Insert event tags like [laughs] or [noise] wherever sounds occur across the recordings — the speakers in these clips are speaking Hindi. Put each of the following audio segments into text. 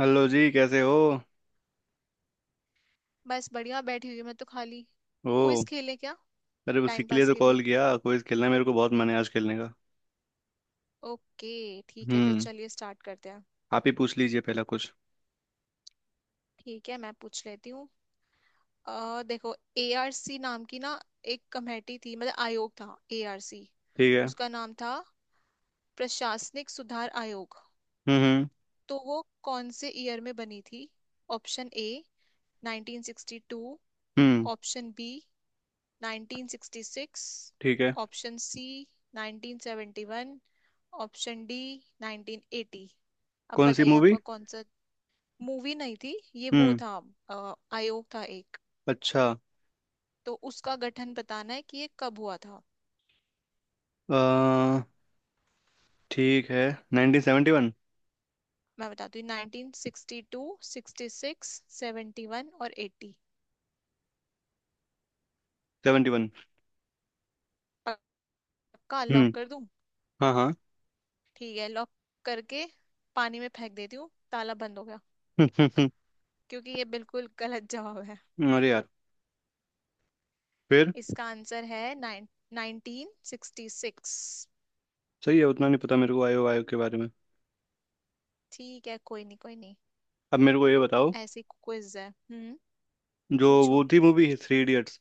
हेलो जी, कैसे हो। बस बढ़िया बैठी हुई हूँ मैं तो खाली। ओ, क्विज खेलें क्या? अरे उसी टाइम के लिए पास तो के लिए। कॉल किया, क्विज खेलना है, मेरे को बहुत मन है आज खेलने का। ओके ठीक है, तो हम्म। चलिए स्टार्ट करते हैं। आप ही पूछ लीजिए पहला कुछ। ठीक है मैं पूछ लेती हूँ। देखो एआरसी नाम की ना, एक कमेटी थी मतलब आयोग था एआरसी। ठीक है। उसका नाम था प्रशासनिक सुधार आयोग। हम्म। हम्म। तो वो कौन से ईयर में बनी थी? ऑप्शन ए 1962, हम्म, ऑप्शन बी 1966, ठीक है। Option C 1971, option D 1980। अब कौन सी बताइए मूवी। आपका कौन सा। मूवी नहीं थी ये, वो हम्म। था। आयोग था एक। अच्छा। तो उसका गठन बताना है कि ये कब हुआ था। अ, ठीक है। 1971। मैं बताती हूँ 1962, 66, 71 और 80। 71। पक्का लॉक हम्म। कर दूं? हाँ हाँ। ठीक है लॉक करके पानी में फेंक देती हूँ, ताला बंद हो गया। [laughs] क्योंकि ये बिल्कुल गलत जवाब है। अरे यार, फिर इसका आंसर है नाइन 1966। सही है, उतना नहीं पता मेरे को आयो आयो के बारे में। ठीक है कोई नहीं कोई नहीं। अब मेरे को ये बताओ, ऐसी क्विज है। हम्म, जो वो पूछो। थी मूवी थ्री इडियट्स,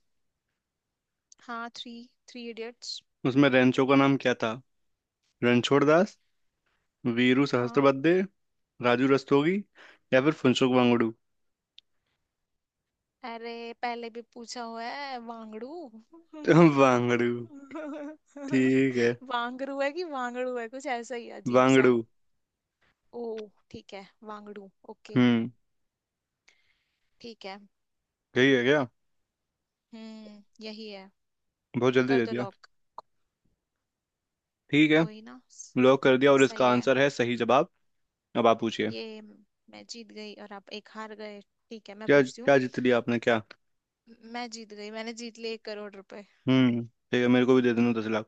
हाँ थ्री, थ्री इडियट्स। उसमें रेंचो का नाम क्या था। रणछोड़ दास, वीरू हाँ सहस्त्रबुद्धे, राजू रस्तोगी, या फिर फुनसुक वांगड़ू। अरे पहले भी पूछा हुआ है वांगड़ू। वांगड़ू। [laughs] [laughs] ठीक है, वांगड़ू है कि वांगड़ू है, कुछ ऐसा ही अजीब सा। वांगड़ू। ओ ठीक है वांगड़ू ओके। हम्म। ठीक है। यही है क्या। यही है। बहुत जल्दी कर दे दो दिया। लॉक। ठीक है, कोई ना। लॉक कर दिया, और इसका सही है आंसर है सही जवाब। अब आप पूछिए। ये। मैं जीत गई और आप एक हार गए। ठीक है मैं क्या पूछती हूँ। क्या जीत लिया आपने, क्या। मैं जीत गई, मैंने जीत लिए 1 करोड़ रुपए। हम्म। ठीक है, मेरे को भी दे देना 10 लाख।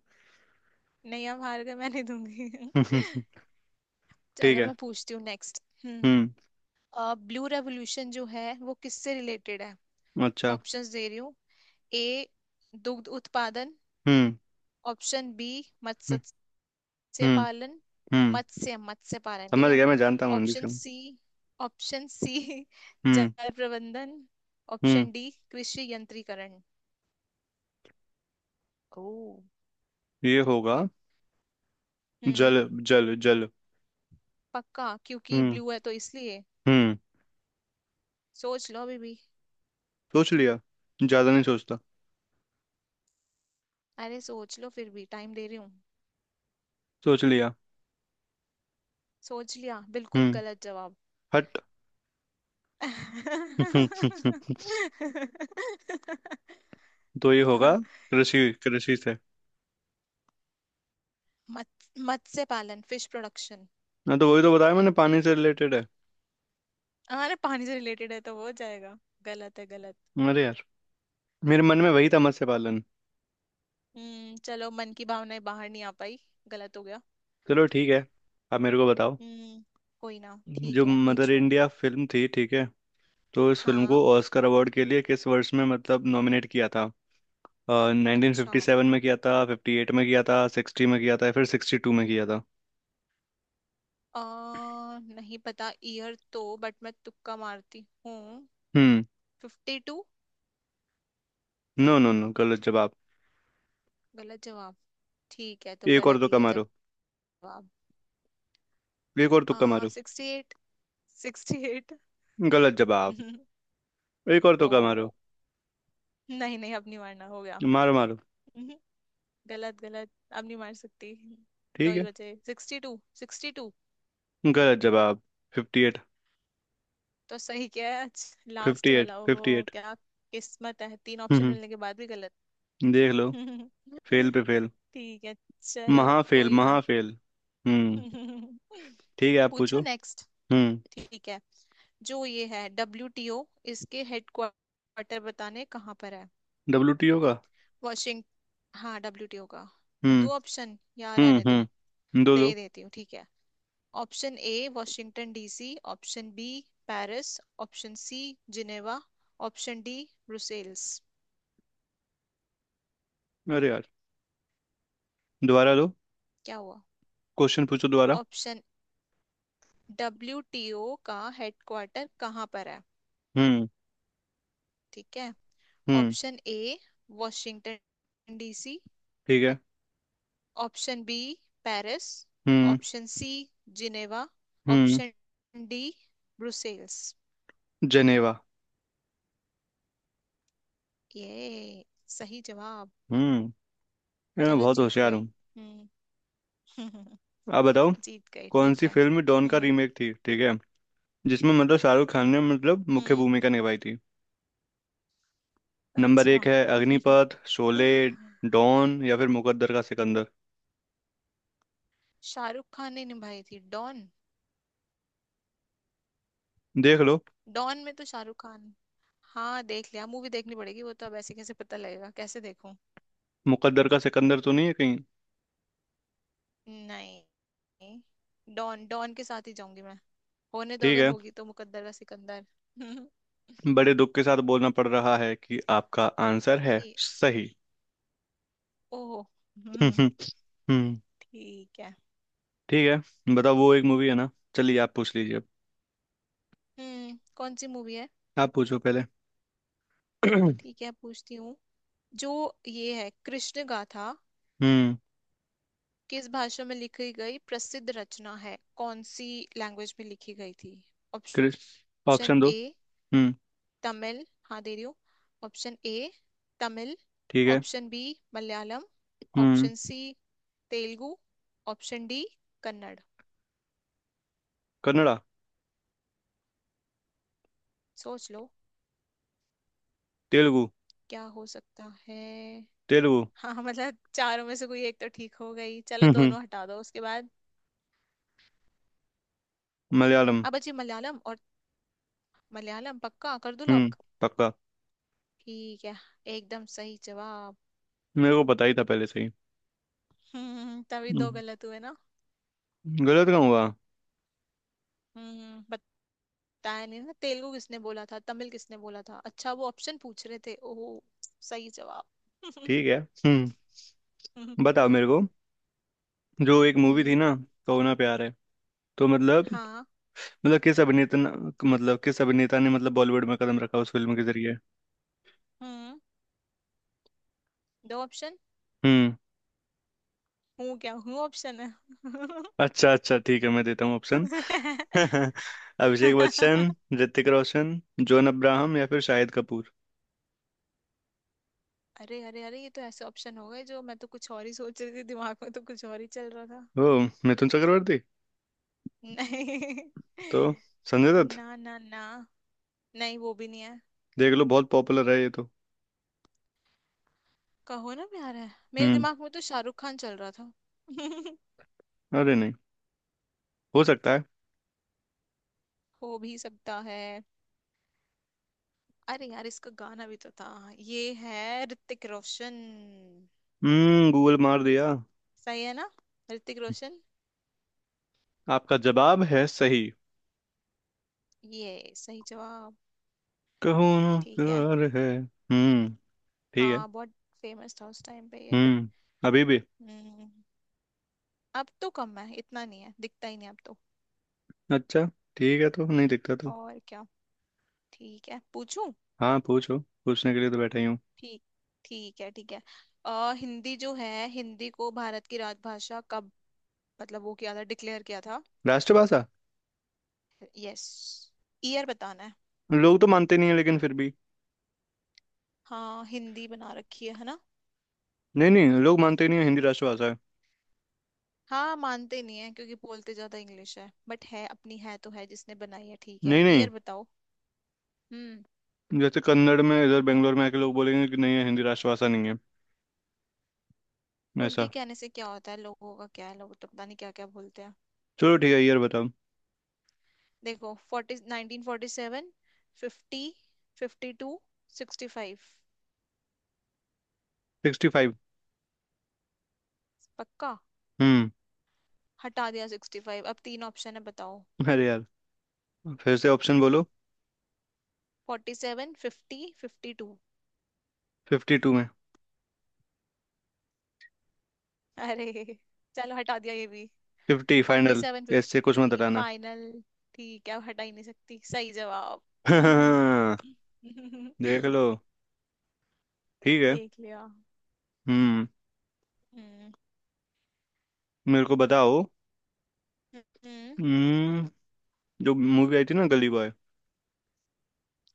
नहीं आप हार गए, मैं नहीं दूंगी। [laughs] [laughs] ठीक चलो है। मैं पूछती हूँ नेक्स्ट। हम्म, हम्म। ब्लू रेवोल्यूशन जो है वो किससे रिलेटेड है? अच्छा। ऑप्शंस दे रही हूँ। ए दुग्ध उत्पादन, हम्म। ऑप्शन बी मत्स्य हम्म। हम्म। पालन। हम्म, मत्स्य मत्स्य पालन, ठीक समझ है। गया, मैं जानता हूँ हिंदी से। ऑप्शन सी, ऑप्शन सी [laughs] हम्म। जल प्रबंधन, हम्म। ऑप्शन डी कृषि यंत्रीकरण। ओ ये होगा, जल। हम्म, जल जल। पक्का? क्योंकि हम्म। ब्लू है तो इसलिए। हम्म। सोच लो अभी भी। सोच लिया, ज्यादा नहीं सोचता। अरे सोच लो, फिर भी टाइम दे रही हूँ। सोच लिया। सोच लिया? बिल्कुल हम्म। गलत जवाब। हट। [laughs] तो [laughs] ये होगा कृषि, कृषि से। मत मत्स्य पालन फिश प्रोडक्शन। ना, तो वही तो बताया मैंने, पानी से रिलेटेड है। अरे पानी से रिलेटेड है तो हो जाएगा? गलत है गलत। अरे यार, मेरे मन में वही था, मत्स्य पालन। चलो, मन की भावनाएं बाहर नहीं आ पाई, गलत हो गया। चलो ठीक है, आप मेरे को बताओ। हम्म कोई ना जो ठीक है मदर पूछो। इंडिया फिल्म थी, ठीक है, तो इस फिल्म को हाँ ऑस्कर अवार्ड के लिए किस वर्ष में मतलब नॉमिनेट किया था। नाइनटीन अच्छा। फिफ्टी सेवन में किया था, 1958 में किया था, 1960 में किया था, या फिर 1962 में किया था। अ नहीं पता ईयर तो, बट मैं तुक्का मारती हूँ। हम्म। Fifty two. No no no, गलत जवाब। गलत जवाब? ठीक है, तो एक और गलत ही तुक्का है मारो। जवाब। एक और आ तुक्का मारो। Sixty eight, sixty eight. गलत जवाब। [laughs] एक और ओ तुक्का मारो। नहीं नहीं, अब नहीं मारना, हो गया। मारो मारो। हम्म, गलत गलत, अब नहीं मार सकती। दो ठीक है। ही बचे सिक्सटी टू, सिक्सटी टू। गलत जवाब। 58। तो सही क्या है आज, लास्ट 58 वाला? ओहो 58। क्या। किस्मत है, तीन ऑप्शन हम्म। मिलने के बाद भी गलत। देख लो। [laughs] फेल पे फेल। ठीक है चलो महाफेल कोई ना। महाफेल। हम्म। [laughs] ठीक है, आप पूछू पूछो। नेक्स्ट। हम्म। ठीक है, जो ये है डब्ल्यू टी ओ, इसके हेडक्वार्टर बताने कहाँ पर है? डब्ल्यू टी ओ का। वाशिंग हाँ डब्ल्यू टी ओ का। हम्म। दो ऑप्शन या हम्म। रहने दूं? हम्म, दो दे दो। ही देती हूँ ठीक है। Option A Washington DC, option B Paris, option C Geneva, option D Brussels. अरे यार, दोबारा दो, क्या हुआ? क्वेश्चन पूछो दोबारा। ऑप्शन, डब्ल्यूटीओ का हेडक्वार्टर कहाँ पर है? हम्म। ठीक है। हम्म। ऑप्शन ए वॉशिंगटन डीसी, ठीक है। ऑप्शन बी पेरिस, हम्म। ऑप्शन सी जिनेवा, हम्म। Option D Brussels. जनेवा। ये सही जवाब। हम्म, यार मैं चलो बहुत जीत होशियार गए। हूँ। हम्म, आप बताओ, [laughs] जीत गए कौन ठीक सी है। फिल्म डॉन का हम्म। रीमेक थी, ठीक है, जिसमें मतलब शाहरुख खान ने मतलब मुख्य हम्म भूमिका निभाई थी। नंबर अच्छा। एक है, [laughs] अग्निपथ, शोले, डॉन, या फिर मुकद्दर का सिकंदर। शाहरुख खान ने निभाई थी डॉन। देख लो। डॉन में तो शाहरुख खान। हाँ देख लिया, मूवी देखनी पड़ेगी वो तो, अब ऐसे कैसे पता लगेगा, कैसे देखूं। मुकद्दर का सिकंदर तो नहीं है कहीं। नहीं। डॉन डॉन के साथ ही जाऊंगी मैं। होने तो, ठीक अगर है। होगी तो मुकद्दर का सिकंदर। [laughs] बड़े दुख के साथ बोलना पड़ रहा है कि आपका आंसर है कि सही। ओह। [laughs] हम्म। हम्म, हम्म, ठीक है। ठीक है, बताओ, वो एक मूवी है ना। चलिए आप पूछ लीजिए अब। कौन सी मूवी है? आप पूछो पहले। [clears throat] ठीक है पूछती हूँ। जो ये है कृष्ण गाथा, हम्म। किस भाषा में लिखी गई प्रसिद्ध रचना है, कौन सी लैंग्वेज में लिखी गई थी? क्रिस। ऑप्शन ऑप्शन दो। ए हम्म। तमिल, हाँ दे रही हूँ। ऑप्शन ए तमिल, ठीक है। ऑप्शन बी मलयालम, हम्म। Option C Telugu, option D Kannada. Kannada. सोच लो तेलुगु। क्या हो सकता है। तेलुगु। हाँ मतलब चारों में से कोई एक तो ठीक हो गई, चलो हम्म। दोनों हटा दो उसके बाद। मलयालम। अब बची मलयालम और, मलयालम पक्का कर दो हम्म। लॉक। पक्का। ठीक है, एकदम सही जवाब। मेरे को पता ही था पहले से ही। तभी दो हम्म, गलत हुए ना। गलत कहाँ हुआ। हम्म बताया नहीं ना, तेलुगु किसने बोला था, तमिल किसने बोला था, अच्छा वो ऑप्शन पूछ रहे थे। ओह सही जवाब। [laughs] ठीक है। हम्म। हम्म। बताओ मेरे को, जो एक मूवी थी ना, कहो ना प्यार है, तो मतलब, हाँ। मतलब किस अभिनेता ने- मतलब किस अभिनेता ने मतलब बॉलीवुड में कदम रखा उस फिल्म के जरिए। हम्म दो ऑप्शन। हम्म। हूँ क्या हूँ ऑप्शन है? अच्छा अच्छा, ठीक है, मैं देता हूँ ऑप्शन। [laughs] [laughs] अभिषेक बच्चन, ऋतिक रोशन, जॉन अब्राहम, या फिर शाहिद कपूर। अरे अरे अरे, ये तो ऐसे ऑप्शन हो गए, जो मैं तो कुछ और ही सोच रही थी, दिमाग में तो कुछ और ही चल रहा था। ओ, मिथुन चक्रवर्ती। नहीं। तो संजय [laughs] दत्त। ना ना ना। नहीं वो भी नहीं है। देख लो, बहुत पॉपुलर है ये तो। कहो ना प्यार है, मेरे हम्म। दिमाग में तो शाहरुख खान चल रहा था। [laughs] अरे नहीं, हो सकता है। हो भी सकता है। अरे यार इसका गाना भी तो था। ये है ऋतिक रोशन। हम्म, गूगल मार दिया। सही है ना? ऋतिक रोशन। आपका जवाब है सही। ये सही जवाब। कहो ना ठीक है। प्यार है। हम्म। ठीक है। हाँ बहुत फेमस था उस टाइम पे ये। हम्म, अभी भी। हम्म अब तो कम है, इतना नहीं है, दिखता ही नहीं अब तो। अच्छा। ठीक है, तो नहीं दिखता तो। और क्या। ठीक है पूछूं। हाँ पूछो, पूछने के लिए तो बैठा ही हूँ। ठीक ठीक है ठीक है। हिंदी जो है, हिंदी को भारत की राजभाषा कब मतलब वो किया था, डिक्लेयर किया था? राष्ट्रभाषा। यस ईयर बताना है। लोग तो मानते नहीं है, लेकिन फिर भी। हाँ हिंदी बना रखी है ना। नहीं नहीं, लोग मानते नहीं है हिंदी राष्ट्रभाषा है। हाँ मानते नहीं है, क्योंकि बोलते ज्यादा इंग्लिश है, बट है, अपनी है तो है, जिसने बनाई है। ठीक है नहीं नहीं, ईयर बताओ। हम्म, जैसे कन्नड़ में इधर बेंगलोर में आके लोग बोलेंगे कि नहीं है, हिंदी राष्ट्रभाषा नहीं है, उनके ऐसा। कहने से क्या होता है, लोगों का क्या है, लोग तो पता नहीं क्या क्या बोलते हैं। चलो ठीक है यार, बताओ। देखो forty nineteen forty seven, fifty, fifty two, sixty five. 1965। पक्का? हम्म। हटा दिया सिक्सटी फाइव, अब तीन ऑप्शन है बताओ। अरे यार, फिर से ऑप्शन बोलो। Forty seven fifty fifty to. 1952 में। अरे चलो हटा दिया ये भी। 1950 फोर्टी फाइनल। सेवन ऐसे कुछ मत फिफ्टी हटाना। फाइनल। ठीक है अब हटा ही नहीं सकती। सही जवाब। [laughs] हाँ, देख [laughs] लो। ठीक है। देख लिया। हम्म। हम्म। मेरे को बताओ। हम्म, हम्म। जो मूवी आई थी ना, गली बॉय,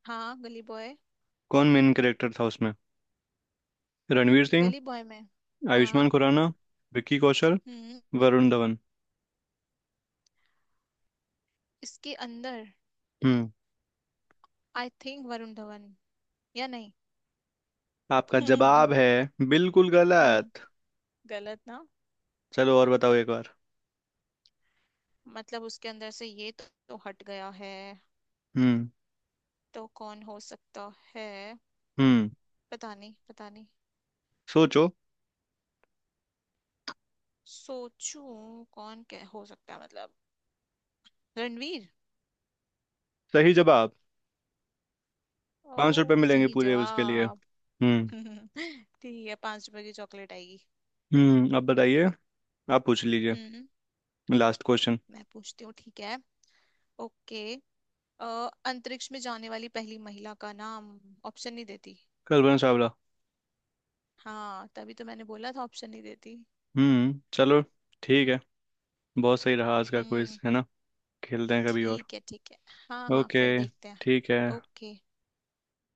हाँ गली बॉय। कौन मेन कैरेक्टर था उसमें। रणवीर सिंह, गली बॉय में आयुष्मान हाँ। खुराना, विक्की कौशल, हम्म वरुण धवन। इसके अंदर hmm. I think Varun Dhawan, या नहीं? आपका [laughs] जवाब हम्म है बिल्कुल गलत। गलत ना। चलो और बताओ एक बार। मतलब उसके अंदर से ये तो हट गया है, हम्म। तो कौन हो सकता है? हम्म। पता नहीं पता नहीं। सोचो। सोचूं कौन क्या हो सकता है, मतलब रणवीर। सही जवाब। 5 रुपए ओ मिलेंगे सही पूरे उसके लिए। जवाब। हम्म। [laughs] ठीक है, 5 रुपए की चॉकलेट आएगी। हम्म, अब बताइए, आप पूछ लीजिए हम्म लास्ट क्वेश्चन। मैं पूछती हूँ ठीक है। ओके अ, अंतरिक्ष में जाने वाली पहली महिला का नाम, ऑप्शन नहीं देती। कल्पना चावला। हाँ तभी तो मैंने बोला था ऑप्शन नहीं देती। हम्म, चलो ठीक है। बहुत सही रहा आज का क्विज, हम्म है ना। खेलते हैं कभी और। ठीक है ठीक है। हाँ हाँ ओके फिर देखते हैं। ठीक है। ओके।